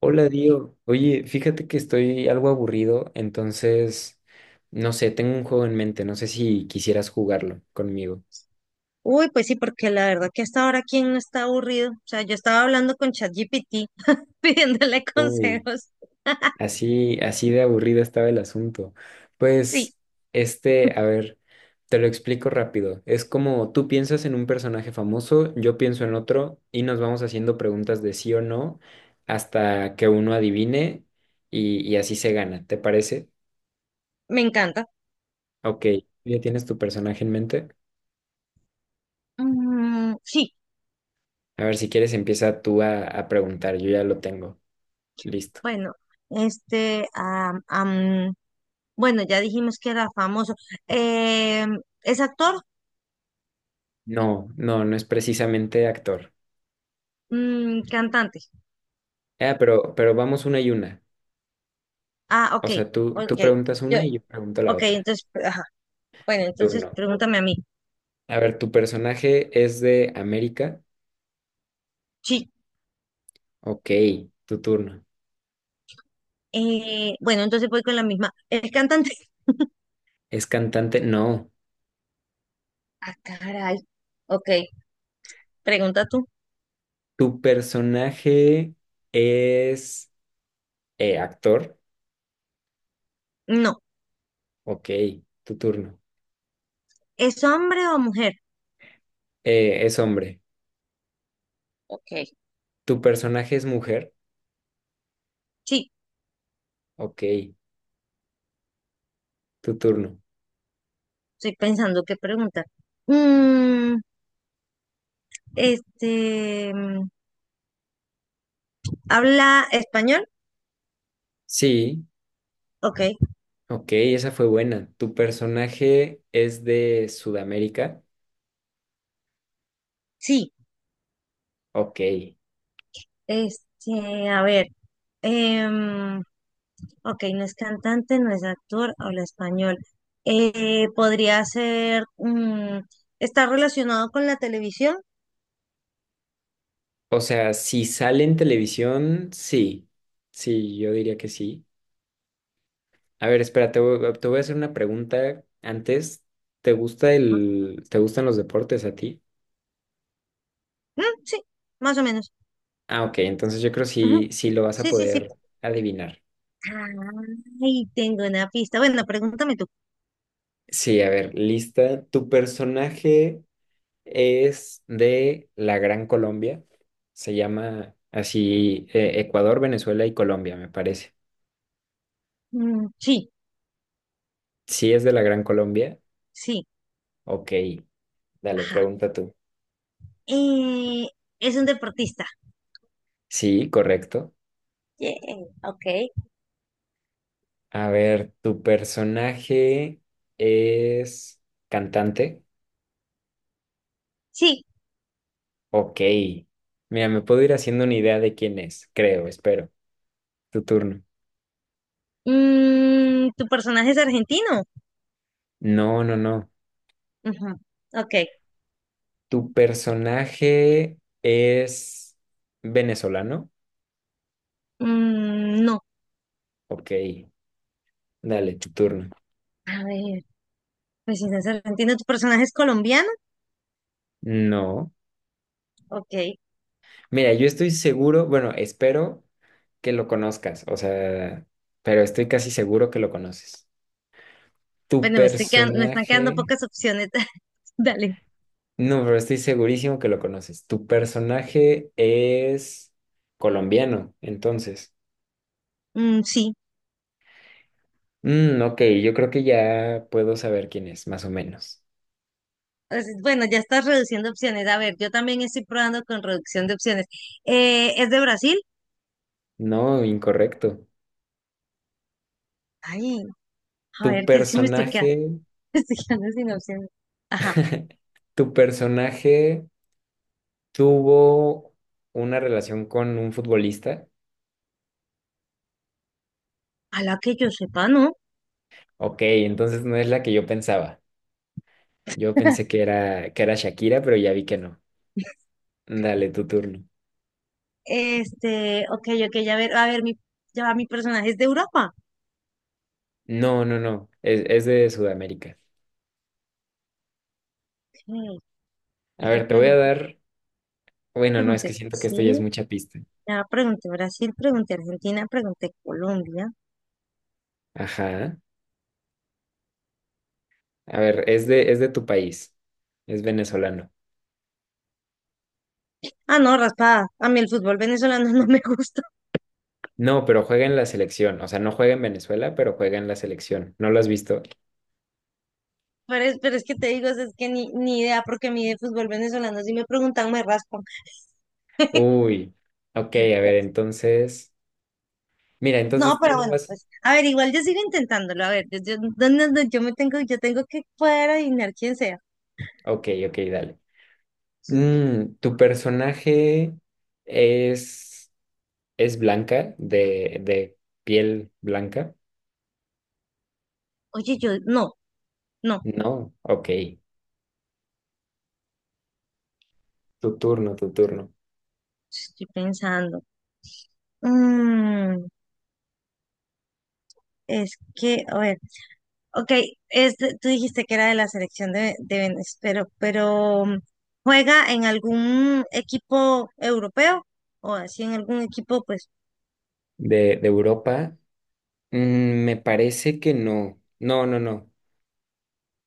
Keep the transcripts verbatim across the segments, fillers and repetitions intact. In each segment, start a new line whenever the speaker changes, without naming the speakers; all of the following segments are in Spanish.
Hola, Dio. Oye, fíjate que estoy algo aburrido, entonces, no sé, tengo un juego en mente, no sé si quisieras jugarlo conmigo.
Uy, pues sí, porque la verdad que hasta ahora quién no está aburrido. O sea, yo estaba hablando con ChatGPT, pidiéndole
Uy,
consejos.
así, así de aburrido estaba el asunto.
Sí,
Pues, este, a ver, te lo explico rápido. Es como tú piensas en un personaje famoso, yo pienso en otro y nos vamos haciendo preguntas de sí o no hasta que uno adivine y, y así se gana, ¿te parece?
me encanta.
Ok, ¿ya tienes tu personaje en mente?
Mm, sí,
A ver, si quieres empieza tú a, a preguntar, yo ya lo tengo. Listo.
bueno, este, am, am, bueno, ya dijimos que era famoso. Eh, ¿es actor?
No, no, no es precisamente actor.
Mm, cantante.
Ah, pero, pero vamos una y una.
Ah,
O
ok,
sea, tú, tú
ok.
preguntas
Yo,
una y yo pregunto la
ok,
otra.
entonces, ajá. Bueno, entonces
Turno.
pregúntame a mí.
A ver, ¿tu personaje es de América?
Sí.
Ok, tu turno.
Eh, bueno, entonces voy con la misma. ¿Es cantante?
¿Es cantante? No.
Ah, caray. Ok, pregunta tú.
¿Tu personaje es eh, actor?
No.
Ok, tu turno.
¿Es hombre o mujer?
Eh, ¿es hombre?
Ok.
¿Tu personaje es mujer?
Sí,
Ok, tu turno.
estoy pensando qué preguntar. Mm, este, mm, ¿habla español?
Sí.
Ok,
Ok, esa fue buena. ¿Tu personaje es de Sudamérica?
sí.
Ok.
Este, a ver. em, ok, no es cantante, no es actor, habla español. Eh, ¿podría ser, mm, está relacionado con la televisión?
O sea, si sale en televisión, sí. Sí, yo diría que sí. A ver, espera, te voy, te voy a hacer una pregunta antes. ¿Te gusta
Ajá.
el, te gustan los deportes a ti?
Mm, sí, más o menos.
Ah, ok, entonces yo creo que
Ujú,
sí, sí lo vas a
sí, sí, sí.
poder adivinar.
Ay, tengo una pista. Bueno, pregúntame tú.
Sí, a ver, lista. ¿Tu personaje es de la Gran Colombia? Se llama así eh, Ecuador, Venezuela y Colombia, me parece.
Mm, sí,
Si es de la Gran Colombia,
sí.
ok, dale, pregunta tú.
Eh, es un deportista.
Sí, correcto.
Yeah, ok.
A ver, ¿tu personaje es cantante?
Sí.
Ok. Mira, me puedo ir haciendo una idea de quién es, creo, espero. Tu turno.
Mm, ¿tu personaje es argentino?
No, no, no.
Ujú, ok,
¿Tu personaje es venezolano?
mm, no.
Ok, dale, tu turno.
A ver, pues si no es argentino, ¿tu personaje es colombiano?
No.
Ok.
Mira, yo estoy seguro, bueno, espero que lo conozcas, o sea, pero estoy casi seguro que lo conoces. Tu
Bueno, me estoy quedan- me están quedando
personaje,
pocas opciones. Dale.
no, pero estoy segurísimo que lo conoces. Tu personaje es colombiano, entonces.
Mm, sí.
Mm, ok, yo creo que ya puedo saber quién es, más o menos.
Pues, bueno, ya estás reduciendo opciones. A ver, yo también estoy probando con reducción de opciones. Eh, ¿es de Brasil?
No, incorrecto.
Ay, a
Tu
ver, que es que me estoy quedando,
personaje,
me estoy quedando sin opciones. Ajá.
tu personaje tuvo una relación con un futbolista.
A la que yo sepa, ¿no?
Ok, entonces no es la que yo pensaba. Yo pensé que era, que era Shakira, pero ya vi que no. Dale, tu turno.
Este, ok, ok, ya ver, a ver, mi, ya va, mi personaje es de Europa.
No, no, no. Es, es de Sudamérica.
Ok,
A
pues ya
ver, te voy a
pregunté,
dar. Bueno, no, es
pregunté
que siento que esto ya es
Brasil,
mucha pista.
ya pregunté Brasil, pregunté Argentina, pregunté Colombia.
Ajá. A ver, es de, es de tu país. Es venezolano.
Ah, no, raspada. A mí el fútbol venezolano no me gusta.
No, pero juega en la selección. O sea, no juega en Venezuela, pero juega en la selección. ¿No lo has visto?
Pero es, pero es que te digo, es es que ni, ni idea, porque a mí de fútbol venezolano, si me preguntan, me raspan.
Uy. Ok, a ver, entonces. Mira,
No,
entonces tú
pero
no
bueno,
vas.
pues, a ver, igual yo sigo intentándolo. A ver, yo, yo, no, no, no, yo me tengo, yo tengo que poder adivinar quién sea.
Ok, ok, dale. Mm, ¿tu personaje es, es blanca, de, de piel blanca?
Oye, yo, no, no,
No, ok. Tu turno, tu turno.
estoy pensando. Mm, es que, a ver, ok, es de- tú dijiste que era de la selección de, de Venezuela, pero, pero ¿juega en algún equipo europeo? ¿O así en algún equipo, pues,
¿De, de Europa? Mm, me parece que no. No, no, no.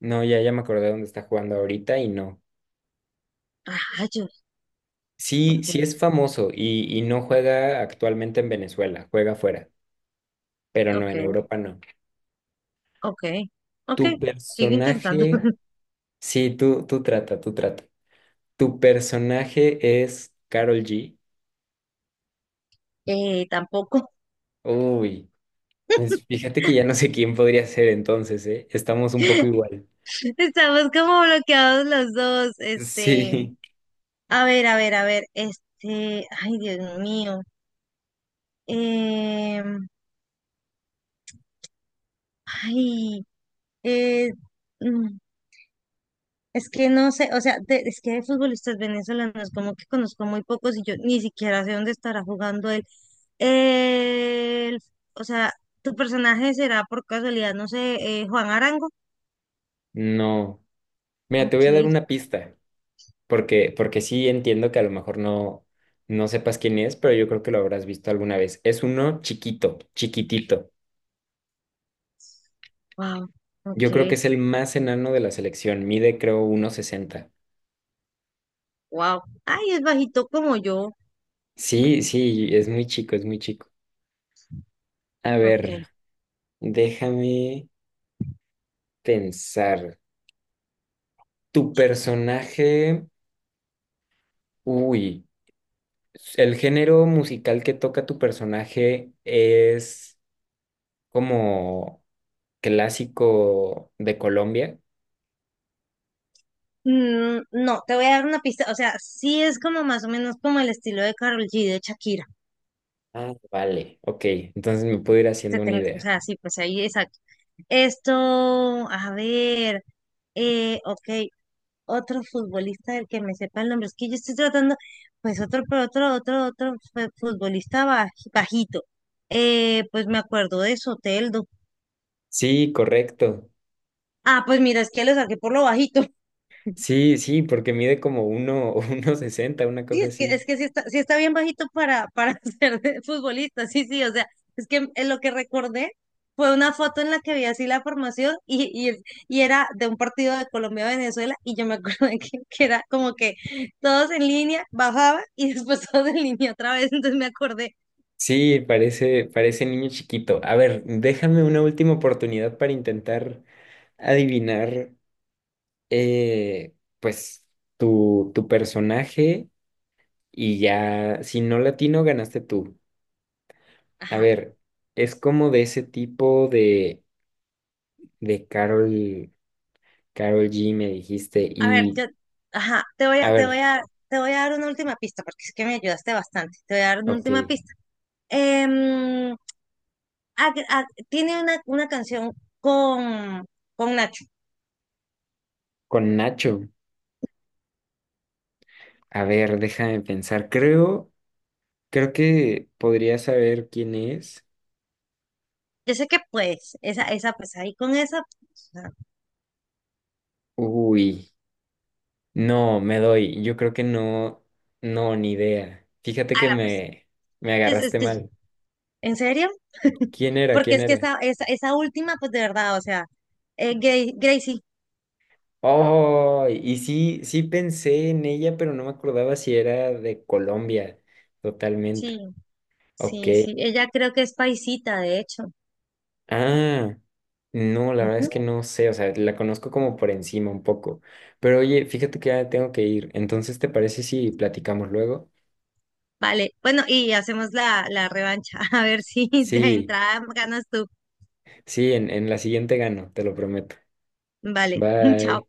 No, ya, ya me acordé dónde está jugando ahorita y no.
rayos? Ok,
Sí, sí es famoso y, y no juega actualmente en Venezuela, juega afuera, pero no, en
ok,
Europa no.
ok, ok,
¿Tu
sigo intentando.
personaje? Sí, tú, tú trata, tú trata. ¿Tu personaje es Carol G?
Eh, tampoco.
Uy, pues fíjate que ya no sé quién podría ser entonces, ¿eh? Estamos un poco igual.
Estamos como bloqueados los dos. Este,
Sí,
a ver, a ver, a ver, este, ay, Dios mío. Em, Ay, eh, es que no sé, o sea, de- es que de futbolistas venezolanos como que conozco muy pocos y yo ni siquiera sé dónde estará jugando él. El, o sea, tu personaje será por casualidad, no sé, eh, Juan Arango.
no. Mira, te voy a dar
Ok,
una pista, porque, porque sí entiendo que a lo mejor no, no sepas quién es, pero yo creo que lo habrás visto alguna vez. Es uno chiquito, chiquitito.
wow,
Yo creo que
ok,
es el más enano de la selección. Mide, creo, uno sesenta.
wow. Ay, es bajito como yo.
Sí, sí, es muy chico, es muy chico. A
Ok.
ver, déjame pensar. Tu personaje, uy. El género musical que toca tu personaje es como clásico de Colombia.
Mm, no, te voy a dar una pista, o sea, sí es como más o menos como el estilo de Karol G, de Shakira.
Ah, vale, ok. Entonces me puedo ir
Este
haciendo una
tengo- o
idea.
sea, sí, pues ahí, exacto. Esto, a ver. Eh, ok, otro futbolista del que me sepa el nombre. Es que yo estoy tratando, pues otro, pero otro, otro, otro fue- futbolista baj- bajito. Eh, pues me acuerdo de Soteldo.
Sí, correcto.
Ah, pues mira, es que lo saqué por lo bajito.
Sí, sí, porque mide como uno, uno sesenta, una
Sí,
cosa
es que,
así.
es que sí está, sí está bien bajito para, para ser de futbolista. Sí, sí, o sea, es que eh, lo que recordé fue una foto en la que vi así la formación y, y, y era de un partido de Colombia-Venezuela y yo me acuerdo que, que era como que todos en línea, bajaba y después todos en línea otra vez, entonces me acordé.
Sí, parece, parece niño chiquito. A ver, déjame una última oportunidad para intentar adivinar, eh, pues, tu, tu personaje y ya, si no latino, ganaste tú. A
Ajá.
ver, es como de ese tipo de, de Carol, Carol G, me dijiste.
A ver,
Y,
yo, ajá, te voy
a
a, te
ver,
voy a, te voy a dar una última pista, porque es que me ayudaste bastante. Te voy a dar una
ok,
última pista. Em, ag- ag- Tiene una, una canción con, con Nacho.
con Nacho. A ver, déjame pensar. Creo, creo que podría saber quién es.
Yo sé que pues, esa, esa, pues ahí con esa, pues, o sea,
Uy, no, me doy. Yo creo que no, no, ni idea. Fíjate que me, me
es que, es,
agarraste
que-
mal.
¿en serio?
¿Quién era?
Porque
¿Quién
es que
era?
esa, esa, esa última, pues de verdad, o sea, eh, Gra- Gracie,
Oh, y sí, sí pensé en ella, pero no me acordaba si era de Colombia,
sí,
totalmente. Ok.
sí, sí. Ella creo que es paisita, de hecho.
Ah, no, la verdad es que
Ujú.
no sé, o sea, la conozco como por encima un poco. Pero oye, fíjate que ya tengo que ir. Entonces, ¿te parece si platicamos luego?
Vale, bueno, y hacemos la, la revancha, a ver si de
Sí,
entrada ganas tú.
sí, en, en la siguiente gano, te lo prometo.
Vale, chao.
Bye.